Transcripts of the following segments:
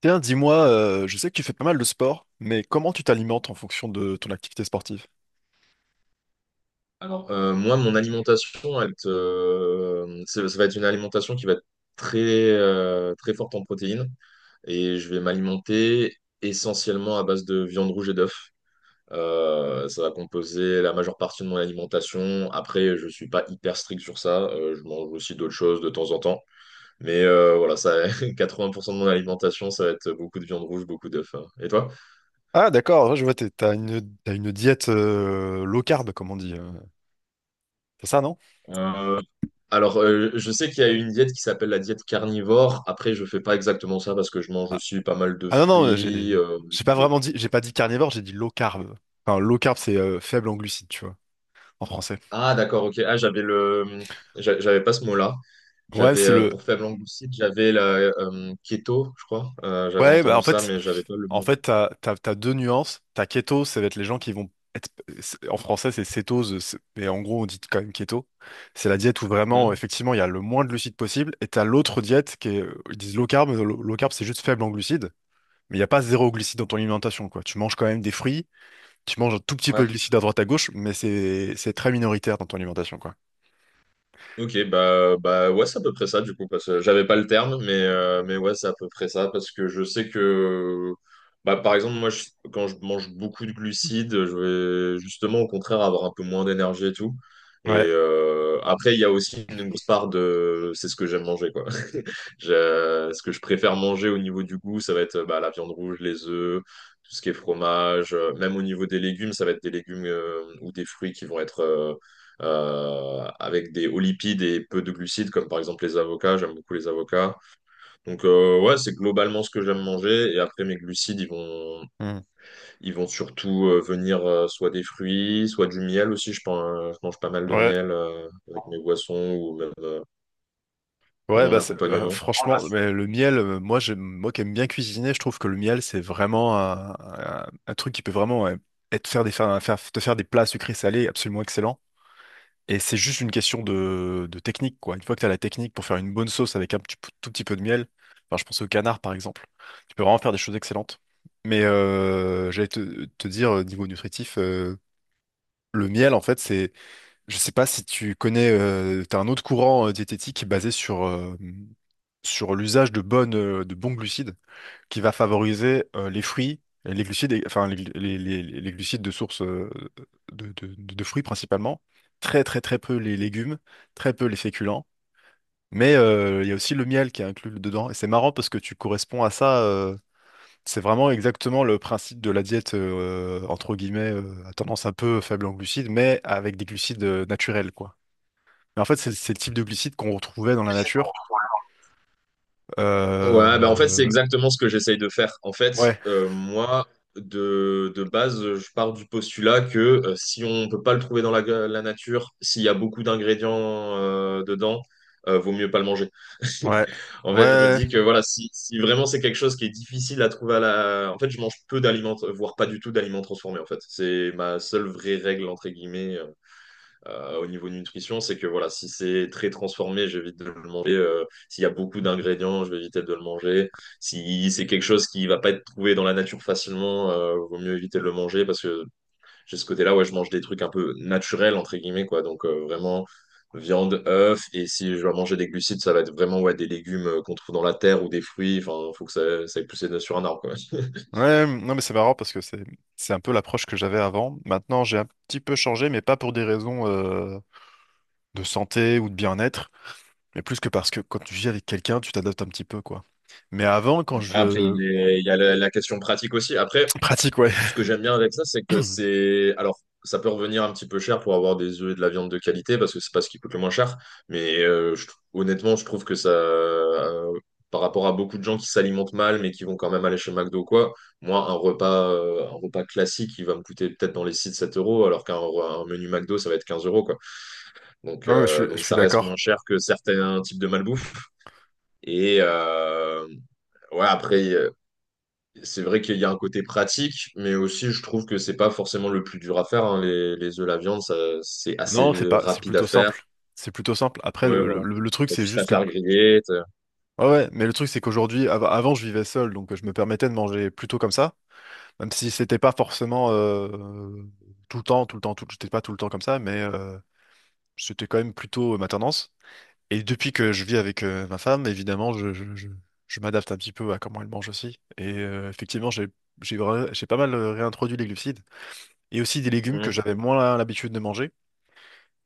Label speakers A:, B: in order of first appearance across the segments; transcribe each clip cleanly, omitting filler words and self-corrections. A: Tiens, dis-moi, je sais que tu fais pas mal de sport, mais comment tu t'alimentes en fonction de ton activité sportive?
B: Alors, moi, mon alimentation, ça va être une alimentation qui va être très, très forte en protéines. Et je vais m'alimenter essentiellement à base de viande rouge et d'œufs. Ça va composer la majeure partie de mon alimentation. Après, je suis pas hyper strict sur ça. Je mange aussi d'autres choses de temps en temps. Mais voilà, ça, 80% de mon alimentation, ça va être beaucoup de viande rouge, beaucoup d'œufs, hein. Et toi?
A: Ah, d'accord, ouais, je vois, t'as t'as une diète low carb, comme on dit. C'est ça, non?
B: Alors, je sais qu'il y a une diète qui s'appelle la diète carnivore. Après, je fais pas exactement ça parce que je mange
A: Ah,
B: aussi pas mal de
A: ah non, non,
B: fruits.
A: j'ai pas
B: Et-
A: vraiment dit, j'ai pas dit carnivore, j'ai dit low carb. Enfin, low carb, c'est faible en glucides, tu vois, en français.
B: Ah, d'accord, ok. Ah, j'avais le, j'avais pas ce mot-là.
A: Ouais,
B: J'avais
A: c'est le,
B: pour faible glucide, j'avais la keto, je crois. J'avais
A: Ouais,
B: entendu ça, mais j'avais pas le
A: en
B: mot.
A: fait, t'as deux nuances. T'as keto, ça va être les gens qui vont être, en français, c'est cétose, mais en gros, on dit quand même keto. C'est la diète où vraiment,
B: Mhm.
A: effectivement, il y a le moins de glucides possible. Et t'as l'autre diète qui est, ils disent low carb, mais low carb, c'est juste faible en glucides. Mais il n'y a pas zéro glucides dans ton alimentation, quoi. Tu manges quand même des fruits, tu manges un tout petit peu
B: Ouais.
A: de glucides à droite à gauche, mais c'est très minoritaire dans ton alimentation, quoi.
B: Ok, bah, bah ouais, c'est à peu près ça du coup, parce que j'avais pas le terme, mais ouais, c'est à peu près ça, parce que je sais que, bah, par exemple, quand je mange beaucoup de glucides, je vais justement au contraire avoir un peu moins d'énergie et tout. Et
A: Ouais.
B: après, il y a aussi une grosse part de, c'est ce que j'aime manger, quoi. Ce que je préfère manger au niveau du goût, ça va être bah, la viande rouge, les œufs, tout ce qui est fromage, même au niveau des légumes, ça va être des légumes ou des fruits qui vont être avec des hauts lipides et peu de glucides, comme par exemple les avocats. J'aime beaucoup les avocats. Donc ouais, c'est globalement ce que j'aime manger. Et après, mes glucides, ils vont,
A: Hmm.
B: ils vont surtout venir soit des fruits, soit du miel aussi. Je mange pas mal de
A: Ouais.
B: miel avec mes boissons ou même, même
A: Ouais,
B: en accompagnement.
A: franchement, mais le miel, moi, moi qui aime bien cuisiner, je trouve que le miel, c'est vraiment un truc qui peut vraiment ouais, être faire des, faire, faire- te faire des plats sucrés salés absolument excellents. Et c'est juste une question de technique, quoi. Une fois que tu as la technique pour faire une bonne sauce avec un tout petit peu de miel, enfin, je pense au canard, par exemple, tu peux vraiment faire des choses excellentes. Mais j'allais te dire, niveau nutritif, le miel, en fait, c'est je sais pas si tu connais, t'as un autre courant diététique basé sur, sur l'usage de de bons glucides qui va favoriser les fruits, les glucides, enfin les glucides de source de fruits principalement, très très très peu les légumes, très peu les féculents, mais il y a aussi le miel qui est inclus dedans. Et c'est marrant parce que tu corresponds à ça, c'est vraiment exactement le principe de la diète entre guillemets à tendance un peu faible en glucides, mais avec des glucides naturels, quoi. Mais en fait, c'est le type de glycide qu'on retrouvait dans la nature. Euh,
B: Ouais, bah en fait, c'est
A: euh,
B: exactement ce que j'essaye de faire. En fait,
A: ouais,
B: moi, de base, je pars du postulat que si on ne peut pas le trouver dans la nature, s'il y a beaucoup d'ingrédients dedans, vaut mieux pas le manger.
A: ouais,
B: En
A: ouais,
B: fait, je me
A: ouais.
B: dis que voilà, si vraiment c'est quelque chose qui est difficile à trouver. En fait, je mange peu d'aliments, voire pas du tout d'aliments transformés, en fait. C'est ma seule vraie règle, entre guillemets. Au niveau nutrition, c'est que voilà, si c'est très transformé, j'évite de le manger. S'il y a beaucoup d'ingrédients, je vais éviter de le manger. Si c'est quelque chose qui va pas être trouvé dans la nature facilement, vaut mieux éviter de le manger parce que j'ai ce côté-là, ouais, je mange des trucs un peu naturels, entre guillemets, quoi. Donc vraiment viande, œufs, et si je dois manger des glucides, ça va être vraiment ouais, des légumes qu'on trouve dans la terre ou des fruits. Enfin, faut que ça ait poussé sur un arbre, quoi.
A: ouais. Non, mais c'est marrant parce que c'est un peu l'approche que j'avais avant. Maintenant, j'ai un petit peu changé, mais pas pour des raisons de santé ou de bien-être, mais plus que parce que quand tu vis avec quelqu'un, tu t'adaptes un petit peu, quoi. Mais avant, quand
B: Après,
A: je
B: il y a la question pratique aussi. Après,
A: pratique, ouais.
B: ce que j'aime bien avec ça, c'est que c'est. Alors, ça peut revenir un petit peu cher pour avoir des œufs et de la viande de qualité, parce que c'est pas ce qui coûte le moins cher. Mais honnêtement, je trouve que ça. Par rapport à beaucoup de gens qui s'alimentent mal, mais qui vont quand même aller chez McDo ou quoi, moi, un repas classique, il va me coûter peut-être dans les 6 7 euros, alors qu'un menu McDo, ça va être 15 euros, quoi. Donc,
A: Non, mais
B: euh,
A: je
B: donc
A: suis
B: ça reste moins
A: d'accord.
B: cher que certains types de malbouffe. Et. euh, Ouais, après. C'est vrai qu'il y a un côté pratique, mais aussi je trouve que c'est pas forcément le plus dur à faire, hein. Les œufs, la viande, ça, c'est
A: Non,
B: assez
A: c'est pas, c'est
B: rapide à
A: plutôt
B: faire.
A: simple. C'est plutôt simple. Après,
B: Ouais, voilà.
A: le truc,
B: T'as
A: c'est
B: juste à
A: juste que
B: faire griller.
A: ouais, ouais, mais le truc, c'est qu'aujourd'hui, avant, je vivais seul, donc je me permettais de manger plutôt comme ça, même si c'était pas forcément tout le temps, tout le temps, tout, j'étais pas tout le temps comme ça, mais c'était quand même plutôt ma tendance. Et depuis que je vis avec ma femme, évidemment, je m'adapte un petit peu à comment elle mange aussi. Et effectivement, j'ai pas mal réintroduit les glucides et aussi des légumes que
B: t'as-
A: j'avais moins l'habitude de manger.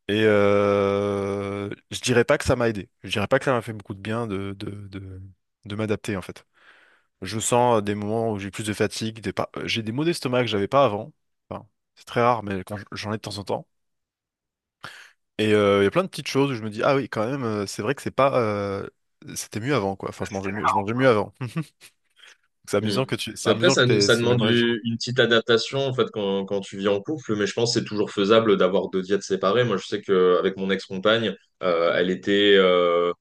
A: Et je dirais pas que ça m'a aidé. Je dirais pas que ça m'a fait beaucoup de bien de m'adapter, en fait. Je sens des moments où j'ai plus de fatigue, des pas- j'ai des maux d'estomac que j'avais pas avant. Enfin, c'est très rare, mais quand j'en ai de temps en temps. Et il y a plein de petites choses où je me dis, ah oui, quand même, c'est vrai que c'est pas, c'était mieux avant, quoi. Enfin, je mangeais mieux avant. C'est
B: Mm.
A: amusant que tu, c'est
B: Bah, après,
A: amusant que
B: ça,
A: t'aies
B: ça
A: ce même
B: demande
A: régime.
B: une petite adaptation en fait quand tu vis en couple, mais je pense que c'est toujours faisable d'avoir deux diètes séparées. Moi, je sais qu'avec mon ex-compagne, euh, elle était, euh,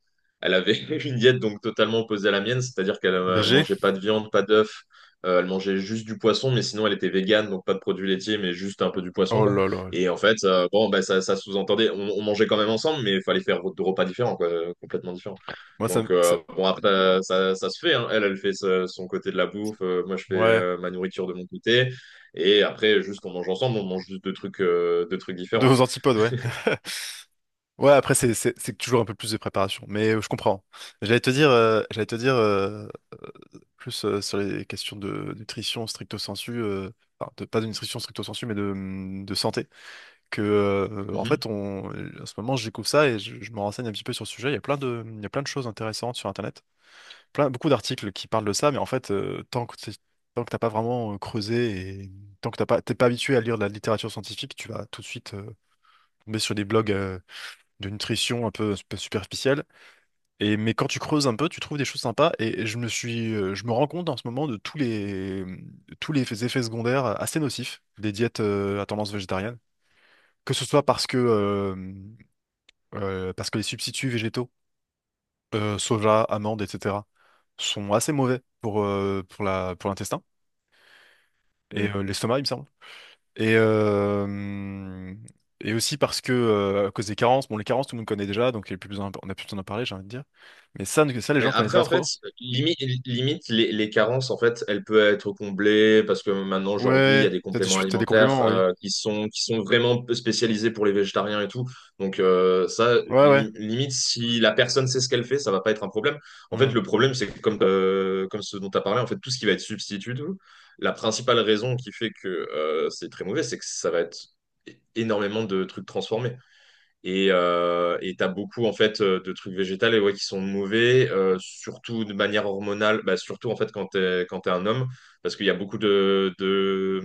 B: elle avait une diète donc totalement opposée à la mienne, c'est-à-dire qu'elle elle
A: BG?
B: mangeait pas de viande, pas d'œufs, elle mangeait juste du poisson, mais sinon elle était végane, donc pas de produits laitiers, mais juste un peu du poisson
A: Oh
B: quoi.
A: là là.
B: Et en fait, bon, bah, ça sous-entendait, on mangeait quand même ensemble, mais il fallait faire deux repas différents quoi, complètement différents.
A: Moi,
B: Donc,
A: ça...
B: bon, après, ça se fait, hein. Elle fait son côté de la bouffe. Moi, je fais
A: ouais.
B: ma nourriture de mon côté. Et après, juste, on mange ensemble. On mange juste deux trucs
A: De
B: différents.
A: vos antipodes, ouais. Ouais, après, c'est toujours un peu plus de préparation. Mais je comprends. J'allais te dire, plus sur les questions de nutrition stricto sensu, enfin, pas de nutrition stricto sensu, mais de santé. Que, en fait, on, en ce moment, je découvre ça et je me renseigne un petit peu sur le sujet. Il y a il y a plein de choses intéressantes sur Internet. Plein, beaucoup d'articles qui parlent de ça, mais en fait, tant que tant que t'as pas vraiment creusé et tant que t'es pas habitué à lire de la littérature scientifique, tu vas tout de suite tomber sur des blogs de nutrition un peu superficiels et, mais quand tu creuses un peu, tu trouves des choses sympas. Et je me rends compte en ce moment de tous les effets secondaires assez nocifs des diètes à tendance végétarienne. Que ce soit parce que les substituts végétaux, soja, amandes, etc., sont assez mauvais pour, pour l'intestin et
B: Mhm.
A: l'estomac, il me semble. Et, aussi parce que, à cause des carences, bon, les carences, tout le monde connaît déjà, donc il y a plus besoin, on n'a plus besoin d'en parler, j'ai envie de dire. Mais les
B: Mais
A: gens connaissent
B: après,
A: pas
B: en fait,
A: trop.
B: limi- limite, les carences, en fait, elles peuvent être comblées parce que maintenant, aujourd'hui, il y a
A: Ouais,
B: des compléments
A: t'as des
B: alimentaires
A: compliments, oui.
B: qui sont vraiment spécialisés pour les végétariens et tout. Donc, ça,
A: Ouais, ouais.
B: limite, si la personne sait ce qu'elle fait, ça va pas être un problème. En fait,
A: Hmm.
B: le problème, c'est que comme ce dont tu as parlé, en fait, tout ce qui va être substitut, tout, la principale raison qui fait que c'est très mauvais, c'est que ça va être énormément de trucs transformés. Et t'as beaucoup en fait de trucs végétales et ouais, qui sont mauvais, surtout de manière hormonale, bah, surtout en fait quand t'es un homme, parce qu'il y a beaucoup de de,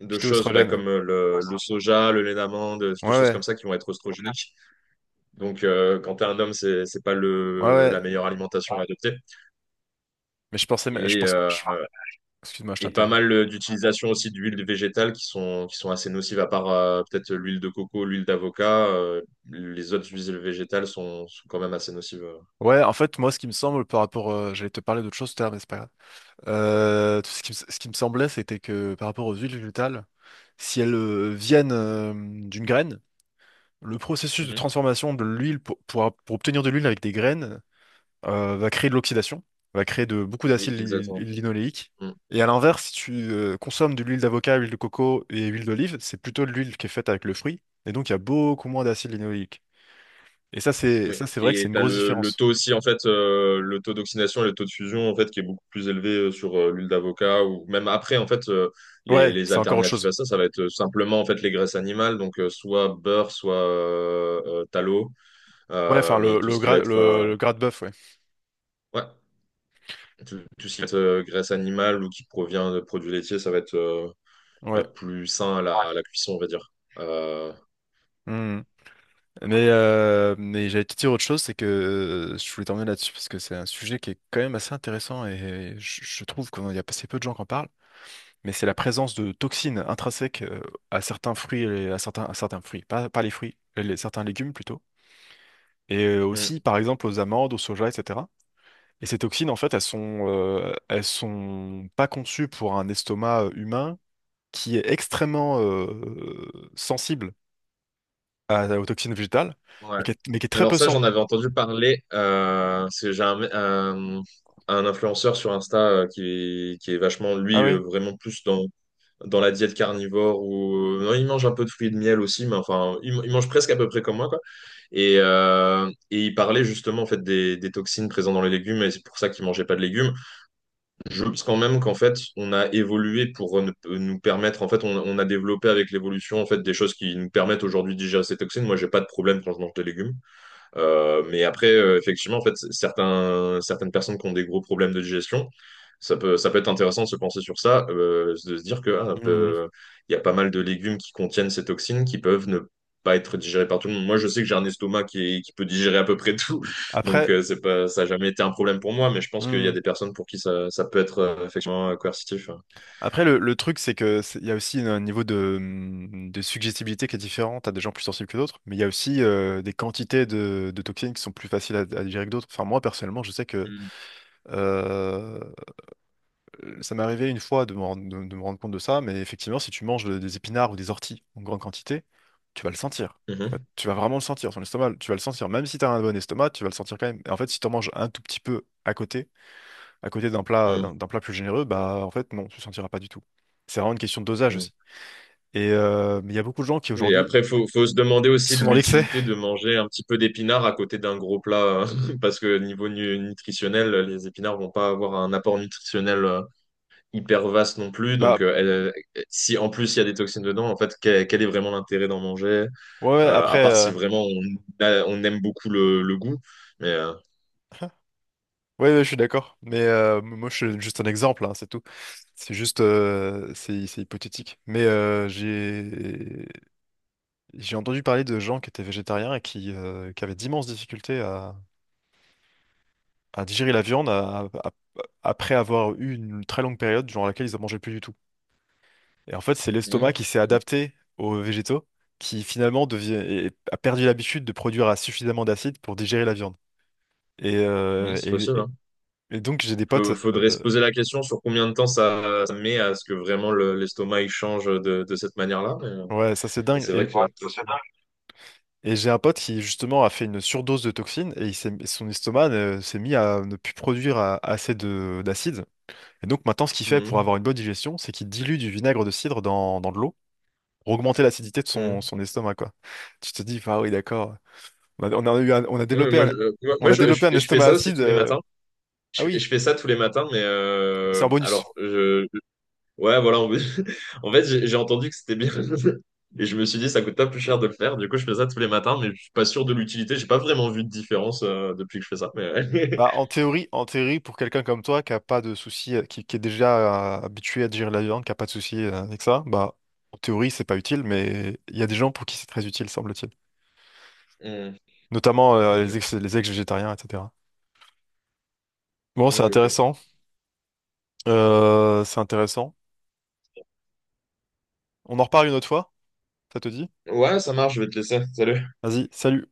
B: de
A: Phyto
B: choses bah,
A: oestrogène.
B: comme le soja, le lait d'amande,
A: Ouais,
B: des choses
A: ouais.
B: comme ça qui vont être oestrogéniques. Donc quand t'es un homme, c'est pas
A: Ouais,
B: le la
A: ouais.
B: meilleure alimentation à adopter.
A: Mais je pensais, mais
B: Et euh,
A: excuse-moi, je
B: et pas
A: t'interromps.
B: mal d'utilisation aussi d'huiles végétales qui sont assez nocives, à part peut-être l'huile de coco, l'huile d'avocat. Les autres huiles végétales sont quand même assez nocives.
A: Ouais, en fait, moi, ce qui me semble par rapport, j'allais te parler d'autre chose tout à l'heure, mais c'est pas grave. Tout ce ce qui me semblait, c'était que par rapport aux huiles végétales, si elles viennent d'une graine, le processus de
B: Mhm.
A: transformation de l'huile pour obtenir de l'huile avec des graines, va créer de l'oxydation, va créer beaucoup
B: Oui,
A: d'acide
B: exactement.
A: linoléique.
B: Mm.
A: Et à l'inverse, si tu consommes de l'huile d'avocat, huile de coco et huile d'olive, c'est plutôt de l'huile qui est faite avec le fruit. Et donc, il y a beaucoup moins d'acide linoléique. Et ça,
B: Oui.
A: c'est vrai que c'est
B: Et
A: une
B: tu as
A: grosse
B: le
A: différence.
B: taux aussi, en fait, le taux d'oxydation et le taux de fusion, en fait, qui est beaucoup plus élevé sur l'huile d'avocat ou même après, en fait, les,
A: Ouais,
B: les
A: c'est encore autre
B: alternatives à
A: chose.
B: ça, ça va être simplement, en fait, les graisses animales, donc soit beurre, soit tallow,
A: Ouais, enfin,
B: mais tout ce qui va être.
A: le gras de bœuf, ouais.
B: Ouais. Tout ce qui va être graisse animale ou qui provient de produits laitiers, ça va être bah,
A: Ouais.
B: plus sain à la cuisson, on va dire. Euh,
A: Mhm. Mais j'allais te dire autre chose, c'est que je voulais t'emmener là-dessus parce que c'est un sujet qui est quand même assez intéressant et je trouve qu'il y a assez peu de gens qui en parlent. Mais c'est la présence de toxines intrinsèques à certains fruits, et à à certains fruits, pas les fruits, certains légumes plutôt, et aussi
B: hmm,
A: par exemple aux amandes, au soja, etc. Et ces toxines, en fait, elles sont pas conçues pour un estomac humain qui est extrêmement sensible aux toxines végétales,
B: ouais.
A: mais mais qui est très
B: Alors
A: peu
B: ça, j'en avais entendu parler. Parce que j'ai un, un influenceur sur Insta qui est vachement,
A: ah
B: lui,
A: oui.
B: vraiment plus dans la diète carnivore. Non, il mange un peu de fruits et de miel aussi, mais enfin, il mange presque à peu près comme moi, quoi. Et il parlait justement en fait des toxines présentes dans les légumes, et c'est pour ça qu'il mangeait pas de légumes. Je pense quand même qu'en fait, on a évolué pour nous permettre, en fait, on a développé avec l'évolution, en fait, des choses qui nous permettent aujourd'hui de digérer ces toxines. Moi, j'ai pas de problème quand je mange des légumes. Mais après, effectivement, en fait, certaines personnes qui ont des gros problèmes de digestion, ça peut être intéressant de se penser sur ça, de se dire que ah,
A: Hmm.
B: il y a pas mal de légumes qui contiennent ces toxines qui peuvent ne pas être digérées par tout le monde. Moi, je sais que j'ai un estomac qui peut digérer à peu près tout, donc
A: Après.
B: c'est pas, ça n'a jamais été un problème pour moi, mais je pense qu'il y a
A: mmh,
B: des personnes pour qui ça peut être effectivement coercitif.
A: Après, le truc, c'est que il y a aussi un niveau de suggestibilité qui est différent. T'as des gens plus sensibles que d'autres, mais il y a aussi des quantités de toxines qui sont plus faciles à digérer que d'autres. Enfin, moi, personnellement, je sais que euh, ça m'est arrivé une fois de me rendre compte de ça, mais effectivement, si tu manges des épinards ou des orties en grande quantité, tu vas le sentir.
B: Mhm.
A: Tu vas vraiment le sentir, ton estomac, tu vas le sentir. Même si t'as un bon estomac, tu vas le sentir quand même. Et en fait, si t'en manges un tout petit peu à côté d'un plat,
B: Mhm.
A: d'un plat plus généreux, bah en fait non, tu ne sentiras pas du tout. C'est vraiment une question de dosage
B: Mhm.
A: aussi. Et mais il y a beaucoup de gens qui
B: Oui. Et
A: aujourd'hui
B: après, faut se demander aussi de
A: sont dans l'excès.
B: l'utilité de manger un petit peu d'épinards à côté d'un gros plat, parce que niveau nutritionnel, les épinards vont pas avoir un apport nutritionnel hyper vaste non plus.
A: Bah
B: Donc, si en plus il y a des toxines dedans, en fait, quel est vraiment l'intérêt d'en manger?
A: ouais, ouais,
B: À
A: après,
B: part si
A: euh,
B: vraiment on aime beaucoup le goût. Mais
A: ouais, ouais, je suis d'accord. Mais moi, je suis juste un exemple, hein, c'est tout. C'est juste, c'est hypothétique. Mais j'ai entendu parler de gens qui étaient végétariens et qui avaient d'immenses difficultés à digérer la viande après avoir eu une très longue période durant laquelle ils n'en mangeaient plus du tout. Et en fait, c'est l'estomac qui
B: ouais,
A: s'est adapté aux végétaux, qui finalement a perdu l'habitude de produire à suffisamment d'acide pour digérer la viande. Et,
B: ouais, c'est possible, hein.
A: donc, j'ai des potes,
B: Faudrait se poser la question sur combien de temps ça met à ce que vraiment l'estomac il change de cette manière-là. Mais, euh,
A: ouais, ça c'est
B: mais
A: dingue.
B: c'est vrai que. Ouais.
A: Et j'ai un pote qui justement a fait une surdose de toxines et son estomac s'est mis à ne plus produire assez de d'acide. Et donc maintenant, ce qu'il fait pour
B: Mhm.
A: avoir une bonne digestion, c'est qu'il dilue du vinaigre de cidre dans de l'eau pour augmenter l'acidité de
B: Mm.
A: son estomac, quoi. Tu te dis, ah oui, d'accord. On a eu on a
B: Ouais,
A: développé
B: moi, je, euh, moi,
A: on
B: moi,
A: a
B: je, je-
A: développé un
B: je fais
A: estomac
B: ça aussi
A: acide.
B: tous les matins.
A: Ah
B: Je,
A: oui,
B: je fais ça tous les matins, mais
A: c'est un bonus.
B: alors, ouais, voilà. En fait, j'ai entendu que c'était bien. Et je me suis dit, ça coûte pas plus cher de le faire. Du coup, je fais ça tous les matins, mais je suis pas sûr de l'utilité. J'ai pas vraiment vu de différence depuis que je fais ça. Mais ouais.
A: Bah, en théorie, pour quelqu'un comme toi qui a pas de souci, qui est déjà habitué à digérer la viande, qui a pas de souci avec ça, bah, en théorie, c'est pas utile, mais il y a des gens pour qui c'est très utile, semble-t-il.
B: Mm.
A: Notamment
B: Ok,
A: les ex-végétariens, etc. Bon, c'est
B: ok, ok.
A: intéressant. C'est intéressant. On en reparle une autre fois, ça te dit?
B: Ouais, ça marche, je vais te laisser. Salut.
A: Vas-y, salut.